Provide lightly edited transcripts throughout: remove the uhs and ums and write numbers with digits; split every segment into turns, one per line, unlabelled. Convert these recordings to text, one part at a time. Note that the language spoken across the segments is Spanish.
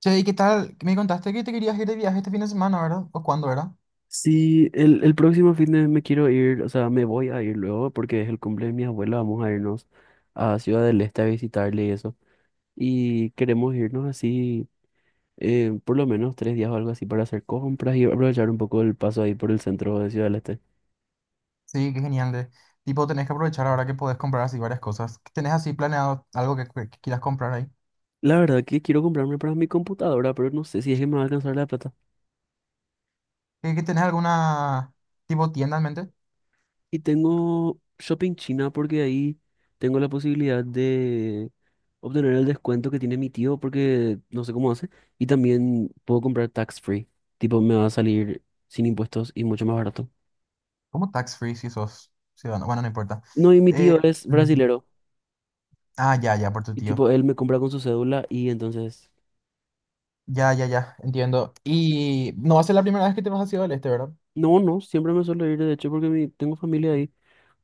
Che, ¿y qué tal? Me contaste que te querías ir de viaje este fin de semana, ¿verdad? ¿O cuándo era?
Sí, el próximo fin de me quiero ir. O sea, me voy a ir luego porque es el cumple de mi abuela, vamos a irnos a Ciudad del Este a visitarle y eso. Y queremos irnos así, por lo menos 3 días o algo así para hacer compras y aprovechar un poco el paso ahí por el centro de Ciudad del Este.
Sí, qué genial. De... Tipo, tenés que aprovechar ahora que podés comprar así varias cosas. ¿Qué ¿Tenés así planeado algo que quieras comprar ahí?
La verdad que quiero comprarme para mi computadora, pero no sé si es que me va a alcanzar la plata.
¿Que tenés alguna tipo tienda en mente?
Y tengo Shopping China porque ahí tengo la posibilidad de obtener el descuento que tiene mi tío porque no sé cómo hace. Y también puedo comprar tax free. Tipo, me va a salir sin impuestos y mucho más barato.
¿Como tax free si sos ciudadano? Bueno, no importa.
No, y mi
Eh,
tío es
mm,
brasilero.
ah, ya, ya, por tu
Y
tío.
tipo, él me compra con su cédula y entonces...
Ya, ya, ya, entiendo. Y no va a ser la primera vez que te vas a Ciudad del Este, ¿verdad?
No, no, siempre me suelo ir, de hecho, porque tengo familia ahí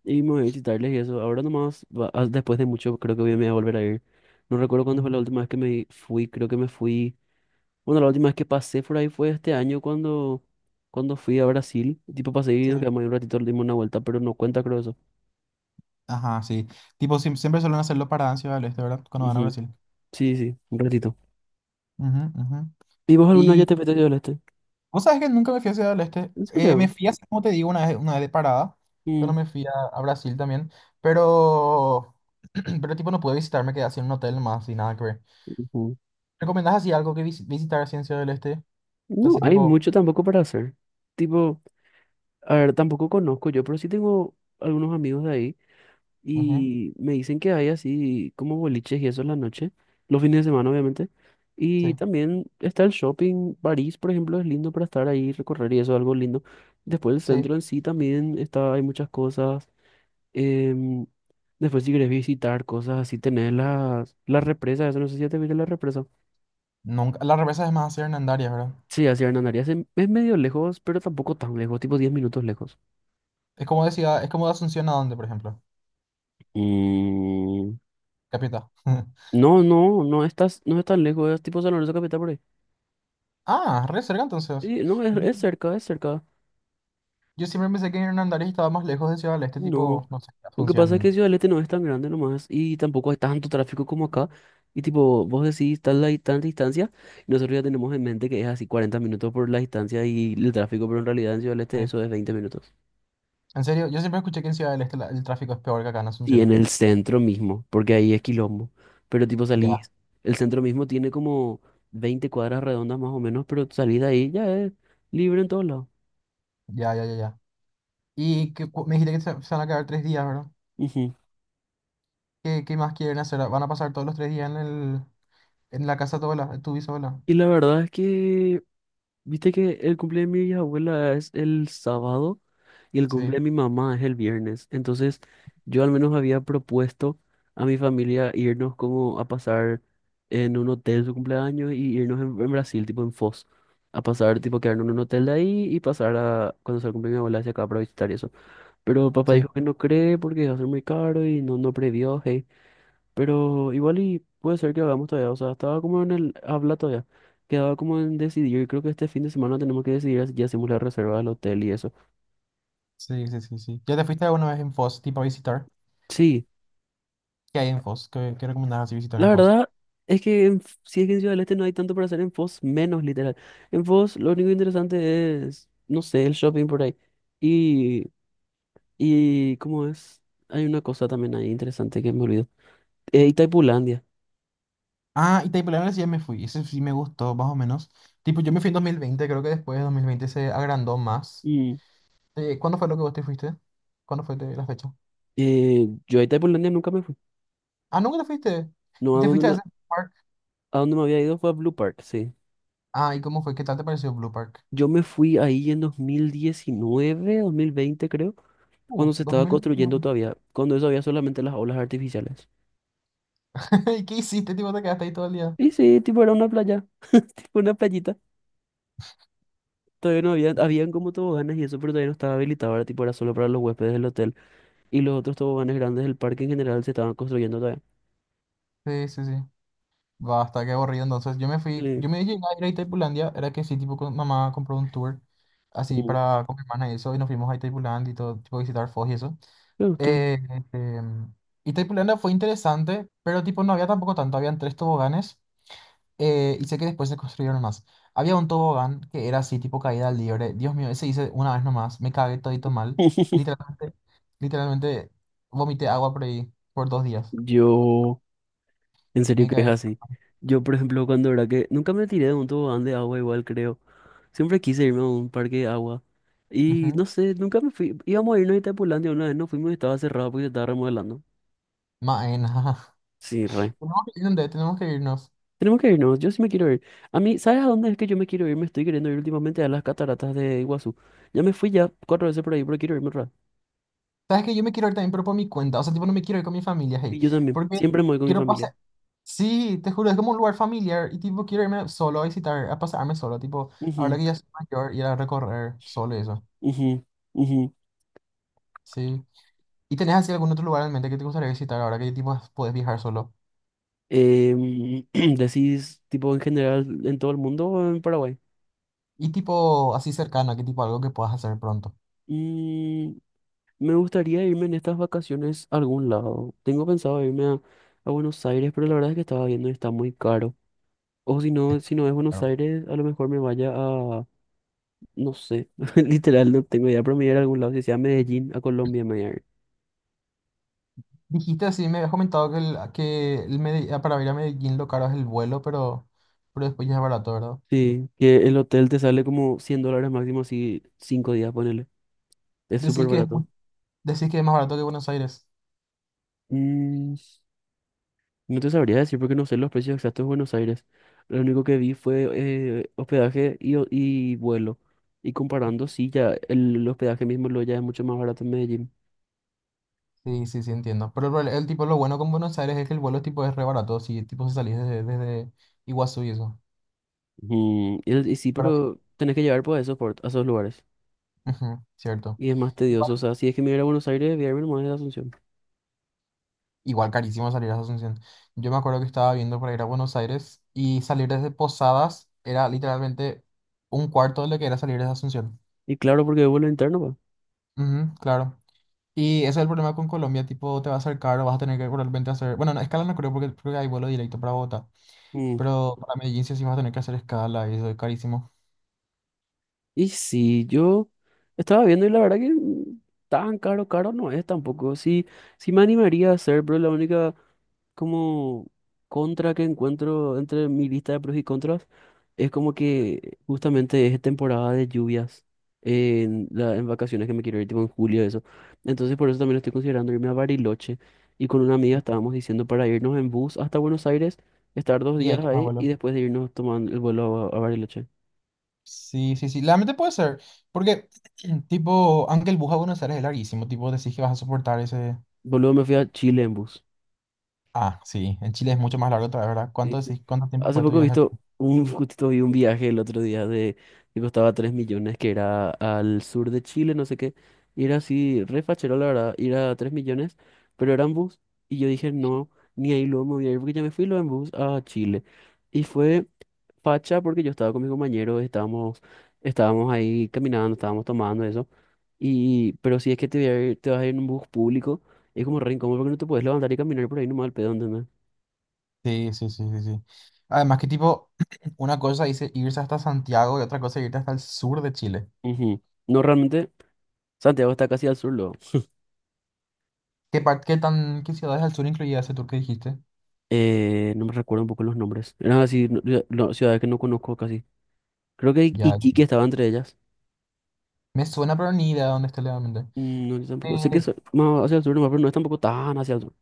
y me voy a visitarles y eso. Ahora nomás, después de mucho, creo que me voy a volver a ir. No recuerdo cuándo fue
Ujú.
la última vez que me fui, creo que me fui. Bueno, la última vez que pasé por ahí fue este año cuando, cuando fui a Brasil. Tipo, pasé y
Sí.
nos quedamos ahí un ratito, le dimos una vuelta, pero no cuenta, creo eso.
Ajá, sí. Tipo, siempre suelen hacerlo para Ciudad del Este, ¿verdad? Cuando van a
Ujú.
Brasil.
Sí, sí, un ratito.
Ujú, ujú.
¿Y vos alguna vez ya te fuiste a Este?
Vos sabés que nunca me fui a Ciudad del Este.
¿En
Me
serio?
fui así, como te digo, una vez de parada, cuando
Mm.
me fui a Brasil también. Pero pero tipo no pude visitar, me quedé así en un hotel más y nada que ver.
Ujú.
¿Recomendás así algo que visitar así en Ciudad del Este?
No,
Así
hay
tipo,
mucho tampoco para hacer. Tipo, a ver, tampoco conozco yo, pero sí tengo algunos amigos de ahí.
ujú,
Y me dicen que hay así como boliches y eso en la noche, los fines de semana obviamente. Y
sí,
también está el shopping, París, por ejemplo, es lindo para estar ahí, recorrer y eso, algo lindo. Después el
sí.
centro en sí también está, hay muchas cosas. em, después si querés visitar cosas así, tenés las represas, eso no sé si ya te viste la represa.
Nunca, la represa es más hacia Hernandarias, ¿verdad?
Sí, hacia Hernandarias es medio lejos, pero tampoco tan lejos, tipo 10 minutos lejos.
Es como de ciudad, es como de Asunción a dónde, por ejemplo.
Mm,
Capital.
No, no, no es tan lejos, es tipo San Lorenzo Capital por ahí.
Ah, re cerca entonces.
Sí, no, es,
Yo,
es cerca, es cerca.
yo siempre pensé que Hernandarias estaba más lejos de Ciudad del Este,
No,
tipo, no sé,
lo que pasa es que
Asunción.
Ciudad del Este no es tan grande nomás y tampoco hay tanto tráfico como acá. Y tipo, vos decís tal tanta distancia, y nosotros ya tenemos en mente que es así 40 minutos por la distancia y el tráfico, pero en realidad en Ciudad del Este
eh,
eso es 20 minutos.
En serio, yo siempre escuché que en Ciudad del Este el tráfico es peor que acá en
Y en
Asunción.
el centro mismo, porque ahí es quilombo. Pero tipo
Ya,
salís, el centro mismo tiene como 20 cuadras redondas más o menos, pero salís de ahí ya es libre en todos lados.
ya, ya, ya, ya. Y que, me dijiste que se van a quedar 3 días, ¿verdad?
Ujú.
¿Qué, qué más quieren hacer? ¿Van a pasar todos los 3 días en en la casa de tu abuela, de tu bisabuela?
Y la verdad es que, viste que el cumpleaños de mi abuela es el sábado. Y el
Sí,
cumple de mi mamá es el viernes. Entonces, yo al menos había propuesto a mi familia irnos como a pasar en un hotel su cumpleaños y irnos en, Brasil, tipo en Foz. A pasar, tipo, quedarnos en un hotel de ahí y pasar a cuando se el cumple de mi abuela hacia acá para visitar y eso. Pero papá
sí,
dijo que no cree porque va a ser muy caro y no previó, hey. Pero igual y puede ser que hagamos todavía. O sea, estaba como en el habla todavía. Quedaba como en decidir. Creo que este fin de semana tenemos que decidir si ya hacemos la reserva del hotel y eso.
sí, sí, sí, sí. ¿Ya te fuiste alguna vez en Foz, tipo a visitar?
Sí.
¿Qué hay en Foz? ¿Qué recomendabas así visitar
La
en Foz?
verdad es que si es que en Ciudad del Este no hay tanto para hacer en Foz, menos literal. En Foz lo único interesante es, no sé, el shopping por ahí. Y, y ¿cómo es? Hay una cosa también ahí interesante que me olvidó. Itaipulandia.
Ah, y Taipulanera sí ya me fui. Ese sí me gustó, más o menos. Tipo, yo me fui en 2020, creo que después de 2020 se agrandó más.
Mm.
¿Cuándo fue lo que vos te fuiste? ¿Cuándo fue la fecha?
Yo a Itaipulandia nunca me fui.
Ah, ¿nunca te fuiste?
No,
¿Y
a
te
donde
fuiste a
me,
ese parque?
a donde me había ido fue a Blue Park, sí.
Ah, ¿y cómo fue? ¿Qué tal te pareció Blue Park?
Yo me fui ahí en 2019 2020 creo, cuando se estaba
2000.
construyendo todavía, cuando eso había solamente las olas artificiales.
¿Y qué hiciste, tipo? Te quedaste ahí todo el día.
Y sí, tipo era una playa, tipo una playita. Todavía no había, habían como toboganes y eso, pero todavía no estaba habilitado, ahora tipo era solo para los huéspedes del hotel. Y los otros toboganes grandes del parque en general se estaban construyendo todavía.
Sí, sí, sí. Basta, qué aburrido. Entonces, yo me fui, yo
Sí.
me llegué a ir a Itaipulandia, era que sí, tipo, con, mamá compró un tour así
Mm.
para con mi hermana y eso, y nos fuimos a Itaipulandia y todo, tipo, visitar Foz y eso.
Me gustó.
Eh, este, Itaipulandia fue interesante, pero tipo, no había tampoco tanto, habían 3 toboganes. Y sé que después se construyeron más. Había un tobogán que era así, tipo caída libre. Dios mío, ese hice una vez nomás. Me cagué todito mal. Literalmente, literalmente vomité agua por ahí por 2 días.
Yo, en serio
Me
que es
cagué.
así. Yo, por ejemplo, cuando era que nunca me tiré de un tobogán de agua, igual creo. Siempre quise irme a un parque de agua. Y
Ujú.
no sé, nunca me fui. Íbamos a irnos a Itapulandia una vez, no fuimos y estaba cerrado porque se estaba remodelando.
Maena.
Sí, re.
Tenemos que ir, tenemos que irnos.
Tenemos que irnos, yo sí me quiero ir. A mí, ¿sabes a dónde es que yo me quiero ir? Me estoy queriendo ir últimamente a las cataratas de Iguazú. Ya me fui ya cuatro veces por ahí, pero quiero irme otra vez.
Sabes que yo me quiero ir también, pero por mi cuenta. O sea, tipo, no me quiero ir con mi familia,
Y
hey.
yo también,
Porque
siempre me voy con mi
quiero
familia.
pasar. Sí, te juro, es como un lugar familiar. Y tipo, quiero irme solo a visitar, a pasarme solo. Tipo, ahora
Ujú,
que ya soy mayor, ir a recorrer solo y eso.
ujú, ujú.
Sí. ¿Y tenés así algún otro lugar en mente que te gustaría visitar ahora que tipo puedes viajar solo?
Em, Decís, tipo, en general, en todo el mundo o en Paraguay.
Y tipo así cercano, ¿qué tipo algo que puedas hacer pronto?
Mm, me gustaría irme en estas vacaciones a algún lado. Tengo pensado irme a, Buenos Aires, pero la verdad es que estaba viendo y está muy caro. O si
Es
no, si no es Buenos
caro.
Aires, a lo mejor me vaya a... No sé, literal no tengo idea, pero me voy a ir a algún lado, si sea a Medellín, a Colombia me voy a ir.
Dijiste así, me habías comentado que, que ah, para ir a Medellín lo caro es el vuelo, pero después ya es barato, ¿verdad?
Sí, que el hotel te sale como 100 dólares máximo, así 5 días, ponele. Es súper
Decís que es, mu-
barato.
decís que es más barato que Buenos Aires.
Mm, no te sabría decir porque no sé los precios exactos de Buenos Aires. Lo único que vi fue hospedaje y vuelo. Y comparando, sí, ya el hospedaje mismo lo ya es mucho más barato en Medellín.
Sí, sí, sí, entiendo. Pero el tipo, lo bueno con Buenos Aires es que el vuelo tipo es re barato, si tipo si salís desde Iguazú y eso.
Ujú. Y sí,
Para,
pero tenés que llevar por eso, a esos lugares.
ujú, cierto.
Y es más tedioso, o sea, si es que me voy a ir a Buenos Aires, voy a irme nomás de Asunción.
Igual carísimo salir a Asunción. Yo me acuerdo que estaba viendo para ir a Buenos Aires y salir desde Posadas era literalmente un cuarto de lo que era salir desde Asunción.
Y claro, porque es vuelo interno, pues.
Ujú, claro. Y ese es el problema con Colombia, tipo, te va a ser caro, vas a tener que realmente hacer... Bueno, no, escala no creo porque creo que hay vuelo directo para Bogotá,
Mm,
pero para Medellín sí, sí vas a tener que hacer escala y eso es carísimo.
Y sí, yo estaba viendo y la verdad que tan caro, caro no es tampoco. Sí, sí me animaría a hacer, pero la única como contra que encuentro entre mi lista de pros y contras es como que justamente es temporada de lluvias en, la, en vacaciones que me quiero ir, tipo en julio, eso. Entonces por eso también estoy considerando irme a Bariloche. Y con una amiga estábamos diciendo para irnos en bus hasta Buenos Aires, estar dos
Y ahí
días
tomas
ahí y
vuelo.
después de irnos tomando el vuelo a Bariloche.
Sí, sí, sí, realmente puede ser, porque tipo, aunque el bus a Buenos Aires es larguísimo, tipo, decís que vas a soportar ese...
Boludo, me fui a Chile en bus.
Ah, sí, en Chile es mucho más largo otra vez, ¿verdad?
Sí,
¿Cuánto
sí.
decís? ¿Cuánto tiempo
Hace
fue tu
poco he
viaje a
visto
Chile?
justito vi un viaje el otro día de que costaba 3 millones, que era al sur de Chile, no sé qué. Y era así, re fachero, la verdad, ir a 3 millones, pero era en bus. Y yo dije, no, ni ahí luego me voy a ir porque ya me fui luego en bus a Chile. Y fue facha porque yo estaba con mi compañero, estábamos ahí caminando, estábamos tomando eso. Y, pero si es que te vas a ir en un bus público, es como re incómodo porque no te puedes levantar y caminar por ahí nomás al pedo, ¿entendés?
Sí, sí, sí, sí, sí. Además que tipo, una cosa dice irse hasta Santiago y otra cosa irte hasta el sur de Chile.
Ujú. No, realmente, Santiago está casi al sur, luego.
¿Qué tan, qué ciudades al sur incluía ese tour que dijiste?
No me recuerdo un poco los nombres. Eran así, no, ciudades que no conozco casi. Creo que
Ya,
Iquique
ya.
estaba entre ellas.
Me suena, pero ni idea de dónde está legalmente.
No, yo tampoco. Sé que
Eh,
es más hacia el sur, nomás, pero no es tampoco tan hacia el sur.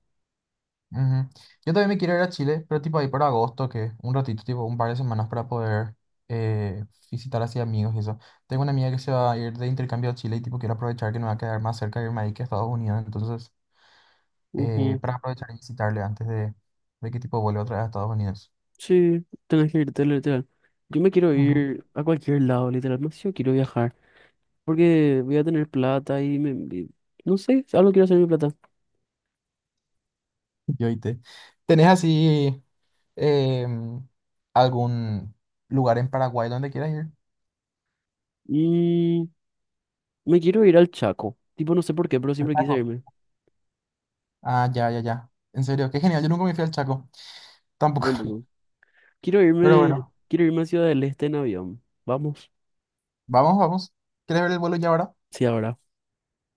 ujú. Yo también me quiero ir a Chile, pero tipo ahí para agosto, que un ratito, tipo un par de semanas para poder eh, visitar así amigos y eso. Tengo una amiga que se va a ir de intercambio a Chile y tipo quiero aprovechar que me va a quedar más cerca de irme ahí que a Estados Unidos, entonces...
Ujú.
para aprovechar y visitarle antes de que tipo vuelva otra vez a Estados Unidos.
Sí, tenés que irte, literal. Yo me quiero
Ujú.
ir a cualquier lado, literal. No sé si yo quiero viajar, porque voy a tener plata y- no sé, algo quiero hacer con mi plata.
Yo y te. ¿Tenés así em, algún lugar en Paraguay donde quieras ir?
Mm, me quiero ir al Chaco. Tipo, no sé por qué, pero
Al
siempre quise
Chaco.
irme.
Ah, ya, ya, ya. En serio, qué genial. Yo nunca me fui al Chaco.
Yo
Tampoco.
tampoco. Quiero
Pero
irme,
bueno,
quiero irme a Ciudad del Este en avión. Vamos.
vamos, vamos. ¿Quieres ver el vuelo ya ahora?
Sí, ahora.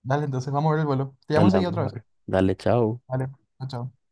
Dale, entonces vamos a ver el vuelo. Te llamo
Dale,
enseguida
vamos
otra
a
vez.
ver. Dale, chao.
Vale, chao. Chao.